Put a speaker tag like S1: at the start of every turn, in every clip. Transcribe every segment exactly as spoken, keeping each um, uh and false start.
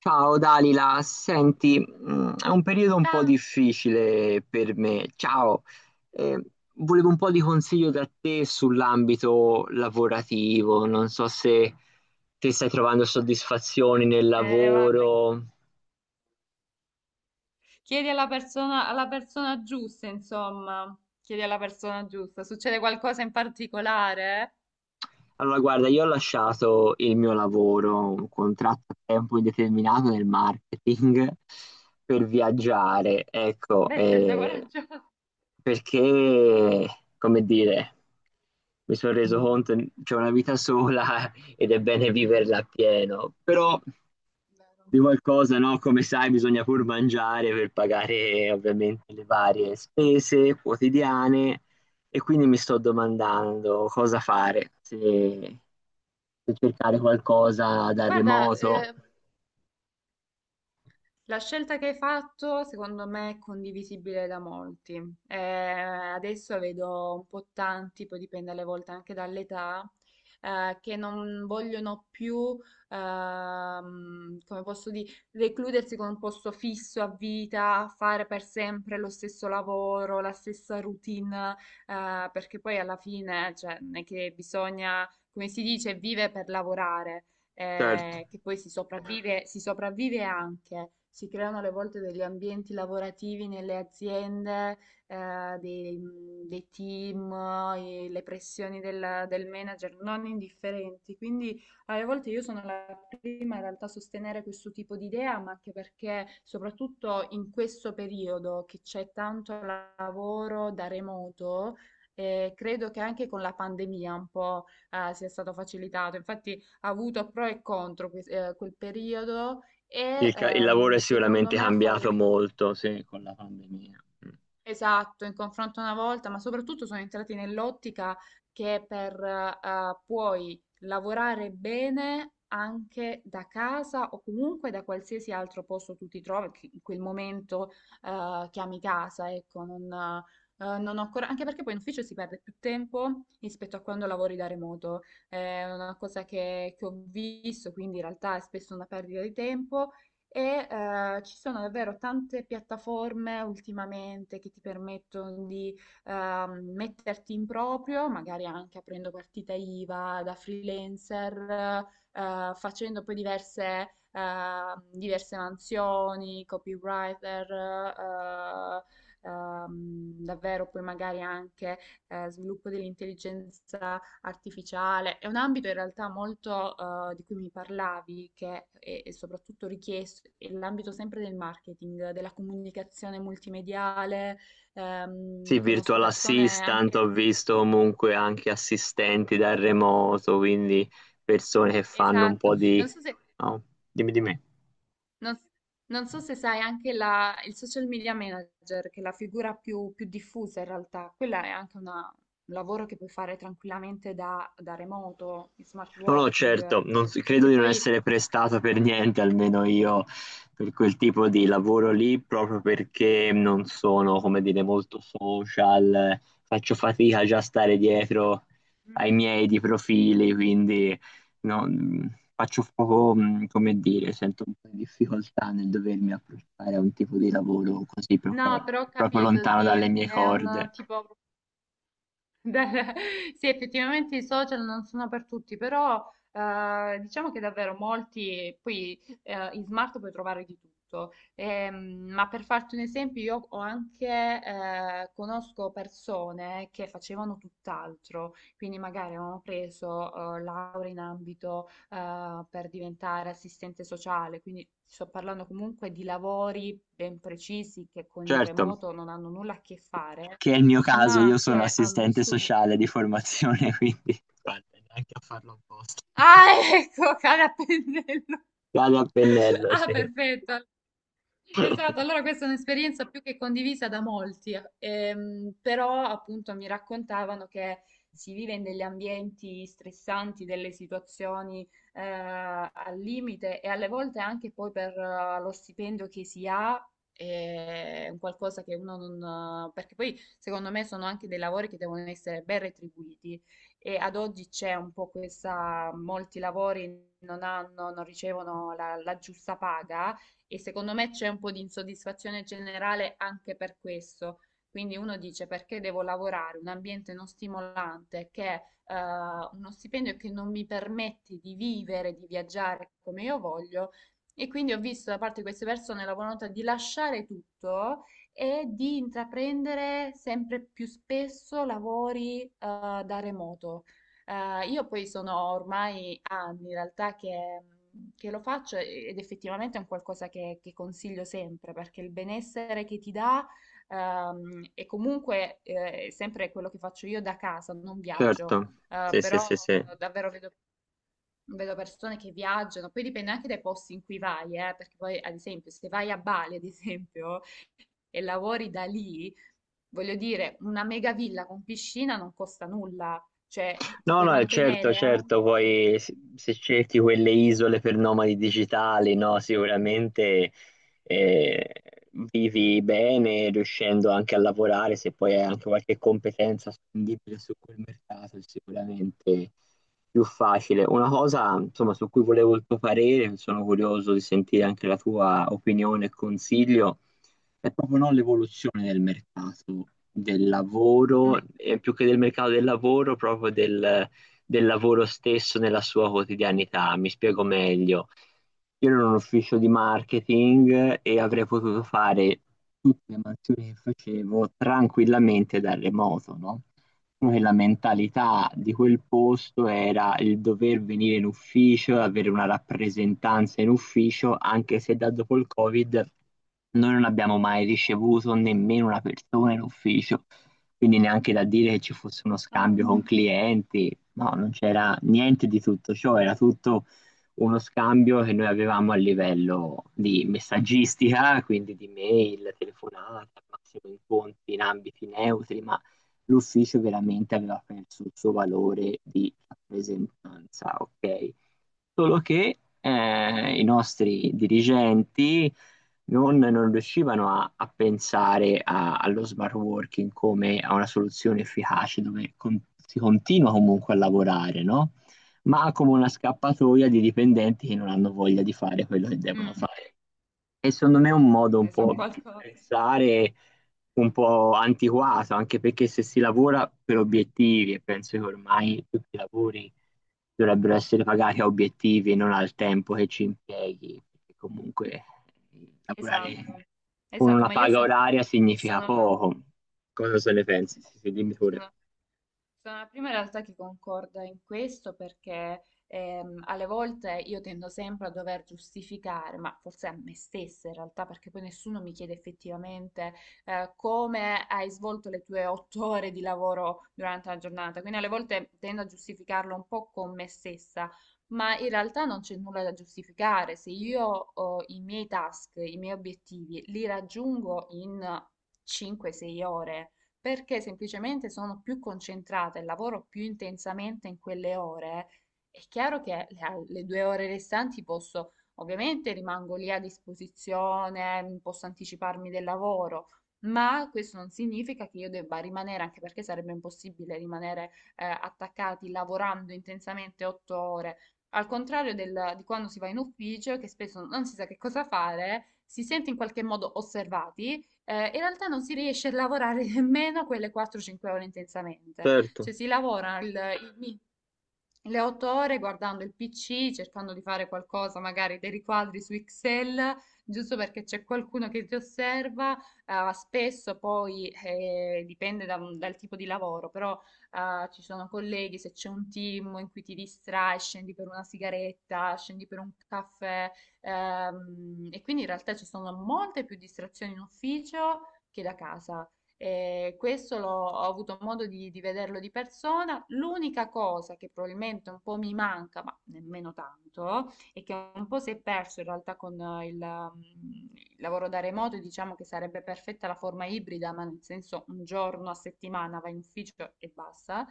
S1: Ciao Dalila, senti, mm, è un periodo un po'
S2: Ciao.
S1: difficile per me. Ciao. Eh, Volevo un po' di consiglio da te sull'ambito lavorativo. Non so se ti stai trovando soddisfazioni nel
S2: Eh, guarda,
S1: lavoro.
S2: chiedi alla persona, alla persona giusta, insomma. Chiedi alla persona giusta. Succede qualcosa in particolare?
S1: Allora, guarda, io ho lasciato il mio lavoro, un contratto a tempo indeterminato nel marketing per viaggiare, ecco,
S2: Beh, scelta
S1: eh,
S2: coraggiosa.
S1: perché, come dire, mi sono reso conto che c'è una vita sola ed è bene viverla appieno, però di qualcosa, no? Come sai, bisogna pur mangiare per pagare ovviamente le varie spese quotidiane e quindi mi sto domandando cosa fare, se per cercare qualcosa dal
S2: Guarda,
S1: remoto.
S2: eh, la scelta che hai fatto, secondo me, è condivisibile da molti. Eh, adesso vedo un po' tanti, poi dipende alle volte anche dall'età, eh, che non vogliono più, ehm, come posso dire, recludersi con un posto fisso a vita, fare per sempre lo stesso lavoro, la stessa routine, eh, perché poi alla fine, cioè, non è che bisogna, come si dice, vive per lavorare
S1: Certo,
S2: eh, che poi si sopravvive, si sopravvive anche. Si creano alle volte degli ambienti lavorativi nelle aziende, eh, dei, dei team, eh, le pressioni del, del manager non indifferenti. Quindi alle volte io sono la prima in realtà a sostenere questo tipo di idea, ma anche perché soprattutto in questo periodo che c'è tanto lavoro da remoto, eh, credo che anche con la pandemia un po' eh, sia stato facilitato. Infatti ha avuto pro e contro que- eh, quel periodo
S1: il,
S2: e
S1: ca- il lavoro è
S2: ehm, secondo
S1: sicuramente
S2: me ha
S1: cambiato
S2: favorito.
S1: molto, sì, con la pandemia. Mm.
S2: Esatto, in confronto una volta, ma soprattutto sono entrati nell'ottica che per eh, puoi lavorare bene anche da casa o comunque da qualsiasi altro posto tu ti trovi, che in quel momento eh, chiami casa, ecco, non, eh, non ho ancora, anche perché poi in ufficio si perde più tempo rispetto a quando lavori da remoto. È una cosa che, che ho visto, quindi in realtà è spesso una perdita di tempo e eh, ci sono davvero tante piattaforme ultimamente che ti permettono di ehm, metterti in proprio, magari anche aprendo partita I V A da freelancer, eh, facendo poi diverse, ehm, diverse mansioni, copywriter, eh, ehm, davvero poi magari anche eh, sviluppo dell'intelligenza artificiale. È un ambito in realtà molto eh, di cui mi parlavi, che è, è soprattutto richiesto, è l'ambito sempre del marketing, della comunicazione multimediale. Ehm,
S1: Sì,
S2: conosco
S1: virtual
S2: persone
S1: assistant,
S2: anche...
S1: ho
S2: non so-
S1: visto comunque anche assistenti dal remoto, quindi persone che fanno un po'
S2: Esatto,
S1: di.
S2: non so se...
S1: No, dimmi di me.
S2: non- non so se sai anche la- il social media manager, che è la figura più, più diffusa in realtà, quella è anche una- un lavoro che puoi fare tranquillamente da, da remoto, in smart
S1: No, no,
S2: working,
S1: certo, non s- credo
S2: perché
S1: di non
S2: poi...
S1: essere prestato per niente, almeno io, per quel tipo di lavoro lì, proprio perché non sono, come dire, molto social, eh, faccio fatica già a stare dietro ai
S2: mm,
S1: miei di profili, quindi no, mh, faccio poco, mh, come dire, sento un po' di difficoltà nel dovermi approcciare a un tipo di lavoro così proprio,
S2: no, però ho
S1: proprio
S2: capito,
S1: lontano
S2: sì,
S1: dalle mie
S2: è un eh,
S1: corde.
S2: tipo dal- Sì, effettivamente i social non sono per tutti, però eh, diciamo che davvero molti, poi eh, in smart puoi trovare di tutto. Ehm, ma per farti un esempio, io ho anche, eh, conosco persone che facevano tutt'altro, quindi magari avevano preso eh, laurea in ambito eh, per diventare assistente sociale, quindi sto parlando comunque di lavori ben precisi che con il
S1: Certo,
S2: remoto non hanno nulla a che fare
S1: che è il mio caso,
S2: ma
S1: io sono
S2: che hanno
S1: assistente
S2: vissuto...
S1: sociale di formazione, quindi guarda, neanche a farlo apposta.
S2: Ah, ecco, cara pennello.
S1: Vado a pennello,
S2: Ah,
S1: sì.
S2: perfetto. Esatto, allora questa è un'esperienza più che condivisa da molti, ehm, però appunto mi raccontavano che si vive in degli ambienti stressanti, delle situazioni eh, al limite e alle volte anche poi per eh, lo stipendio che si ha, eh, è un qualcosa che uno non... perché poi secondo me sono anche dei lavori che devono essere ben retribuiti e ad oggi c'è un po' questa, molti lavori non hanno, non ricevono la la giusta paga e secondo me c'è un po' di insoddisfazione generale anche per questo. Quindi uno dice perché devo lavorare un ambiente non stimolante, che è eh, uno stipendio che non mi permette di vivere, di viaggiare come io voglio. E quindi ho visto da parte di queste persone la volontà di lasciare tutto e di intraprendere sempre più spesso lavori eh, da remoto. Eh, io poi sono ormai anni in realtà che, che lo faccio ed effettivamente è un qualcosa che, che consiglio sempre perché il benessere che ti dà ehm, è comunque eh, sempre quello che faccio io da casa, non viaggio,
S1: Certo,
S2: eh,
S1: sì, sì, sì,
S2: però
S1: sì.
S2: davvero vedo vedo persone che viaggiano, poi dipende anche dai posti in cui vai, eh, perché poi ad esempio se vai a Bali, ad esempio, e lavori da lì, voglio dire, una mega villa con piscina non costa nulla, cioè eh, ti
S1: No,
S2: puoi
S1: no, eh, certo,
S2: mantenere,
S1: certo, poi se se cerchi quelle isole per nomadi digitali, no, sicuramente eh, vivi bene riuscendo anche a lavorare, se poi hai anche qualche competenza spendibile su quel mercato, è sicuramente più facile. Una cosa, insomma, su cui volevo il tuo parere, sono curioso di sentire anche la tua opinione e consiglio è proprio no, l'evoluzione del mercato del
S2: eh? Mm.
S1: lavoro, e più che del mercato del lavoro, proprio del, del lavoro stesso nella sua quotidianità. Mi spiego meglio. Io ero in un ufficio di marketing e avrei potuto fare tutte le mansioni che facevo tranquillamente da remoto, no? Diciamo, che la mentalità di quel posto era il dover venire in ufficio, avere una rappresentanza in ufficio, anche se da dopo il Covid noi non abbiamo mai ricevuto nemmeno una persona in ufficio, quindi neanche da dire che ci fosse uno
S2: Ah,
S1: scambio con clienti, no, non c'era niente di tutto ciò, era tutto uno scambio che noi avevamo a livello di messaggistica, quindi di mail, telefonata, al massimo incontri in ambiti neutri, ma l'ufficio veramente aveva perso il suo valore di rappresentanza, ok? Solo che eh, i nostri dirigenti non, non riuscivano a, a pensare a- allo smart working come a una soluzione efficace dove con- si continua comunque a lavorare, no? Ma come una scappatoia di dipendenti che non hanno voglia di fare quello che devono
S2: mm,
S1: fare. E secondo me è un modo un
S2: ne so
S1: po' Mm. di
S2: qualcosa.
S1: pensare un po' antiquato, anche perché se si lavora per obiettivi, e penso che ormai tutti i lavori dovrebbero essere pagati a obiettivi e non al tempo che ci impieghi, perché comunque
S2: Esatto,
S1: lavorare con
S2: esatto,
S1: una
S2: ma io
S1: paga
S2: sono,
S1: oraria significa
S2: sono
S1: poco. Cosa se ne pensi? Sì, sì, dimmi pure.
S2: là. Sono la prima in realtà che concorda in questo perché ehm, alle volte io tendo sempre a dover giustificare, ma forse a me stessa in realtà, perché poi nessuno mi chiede effettivamente eh, come hai svolto le tue otto ore di lavoro durante la giornata. Quindi alle volte tendo a giustificarlo un po' con me stessa, ma in realtà non c'è nulla da giustificare. Se io ho i miei task, i miei obiettivi, li raggiungo in cinque sei ore perché semplicemente sono più concentrata e lavoro più intensamente in quelle ore, è chiaro che le, al- le due ore restanti posso, ovviamente rimango lì a disposizione, mm, posso anticiparmi del lavoro, ma questo non significa che io debba rimanere, anche perché sarebbe impossibile rimanere eh, attaccati lavorando intensamente otto ore. Al contrario del- di quando si va in ufficio, che spesso non si sa che cosa fare, si sente in qualche modo osservati, eh, in realtà non si riesce a lavorare nemmeno quelle quattro cinque ore intensamente,
S1: Certo,
S2: cioè si lavora il, il le otto ore guardando il P C, cercando di fare qualcosa, magari dei riquadri su Excel, giusto perché c'è qualcuno che ti osserva. eh, spesso poi eh, dipende da un- dal tipo di lavoro, però eh, ci sono colleghi, se c'è un team in cui ti distrai, scendi per una sigaretta, scendi per un caffè, ehm, e quindi in realtà ci sono molte più distrazioni in ufficio che da casa. Eh, questo l'ho, ho avuto modo di, di vederlo di persona. L'unica cosa che probabilmente un po' mi manca, ma nemmeno tanto, e che un po' si è perso in realtà con eh, il, ehm, il lavoro da remoto, e diciamo che sarebbe perfetta la forma ibrida, ma nel senso un giorno a settimana vai in ufficio e basta.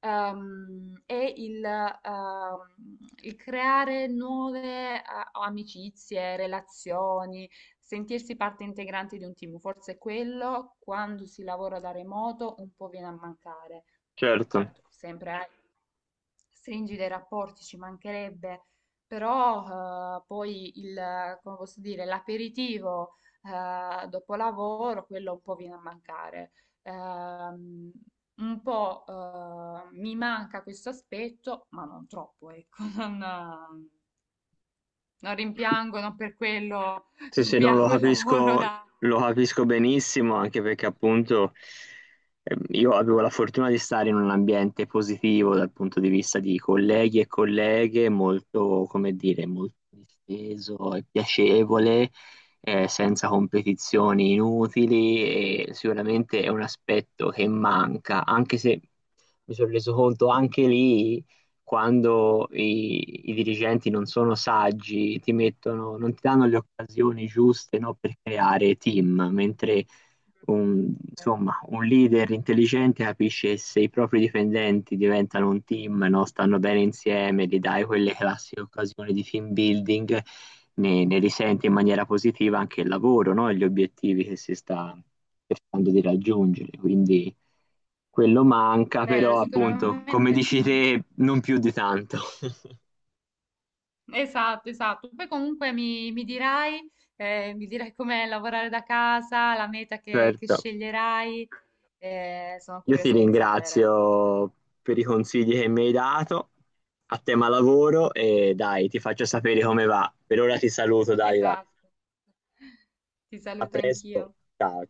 S2: ehm, è il, ehm, il creare nuove eh, amicizie, relazioni, sentirsi parte integrante di un team, forse quello quando si lavora da remoto un po' viene a mancare.
S1: certo.
S2: Certo, sempre hai stringi dei rapporti, ci mancherebbe, però eh, poi il, come posso dire, l'aperitivo eh, dopo lavoro, quello un po' viene a mancare. Ehm, un po' eh, mi manca questo aspetto, ma non troppo, ecco, non, non rimpiango, non per quello
S1: Sì, sì, no, lo
S2: rimpiango il lavoro
S1: capisco,
S2: da.
S1: lo capisco benissimo, anche perché appunto ehm, io avevo la fortuna di stare in un ambiente positivo dal punto di vista di colleghi e colleghe, molto, come dire, molto disteso e piacevole, eh, senza competizioni inutili e sicuramente è un aspetto che manca, anche se mi sono reso conto anche lì quando i, i dirigenti non sono saggi, ti mettono, non ti danno le occasioni giuste, no, per creare team, mentre un-
S2: Vero.
S1: insomma, un leader intelligente capisce se i propri dipendenti diventano un team, no? Stanno bene insieme, gli dai quelle classiche occasioni di team building, ne, ne risente in maniera positiva anche il lavoro, no? E gli obiettivi che si sta cercando di raggiungere. Quindi quello manca,
S2: Vero,
S1: però appunto, come
S2: sicuramente
S1: dici te, non più di tanto.
S2: esatto, esatto. Poi comunque mi, mi dirai, eh, mi dirai com'è lavorare da casa, la meta che, che
S1: Certo.
S2: sceglierai. Eh, sono
S1: Io ti
S2: curiosa di sapere.
S1: ringrazio per i consigli che mi hai dato a tema lavoro e dai, ti faccio sapere come va. Per ora ti saluto, Dalila.
S2: Esatto. Ti
S1: A
S2: saluto
S1: presto.
S2: anch'io.
S1: Ciao.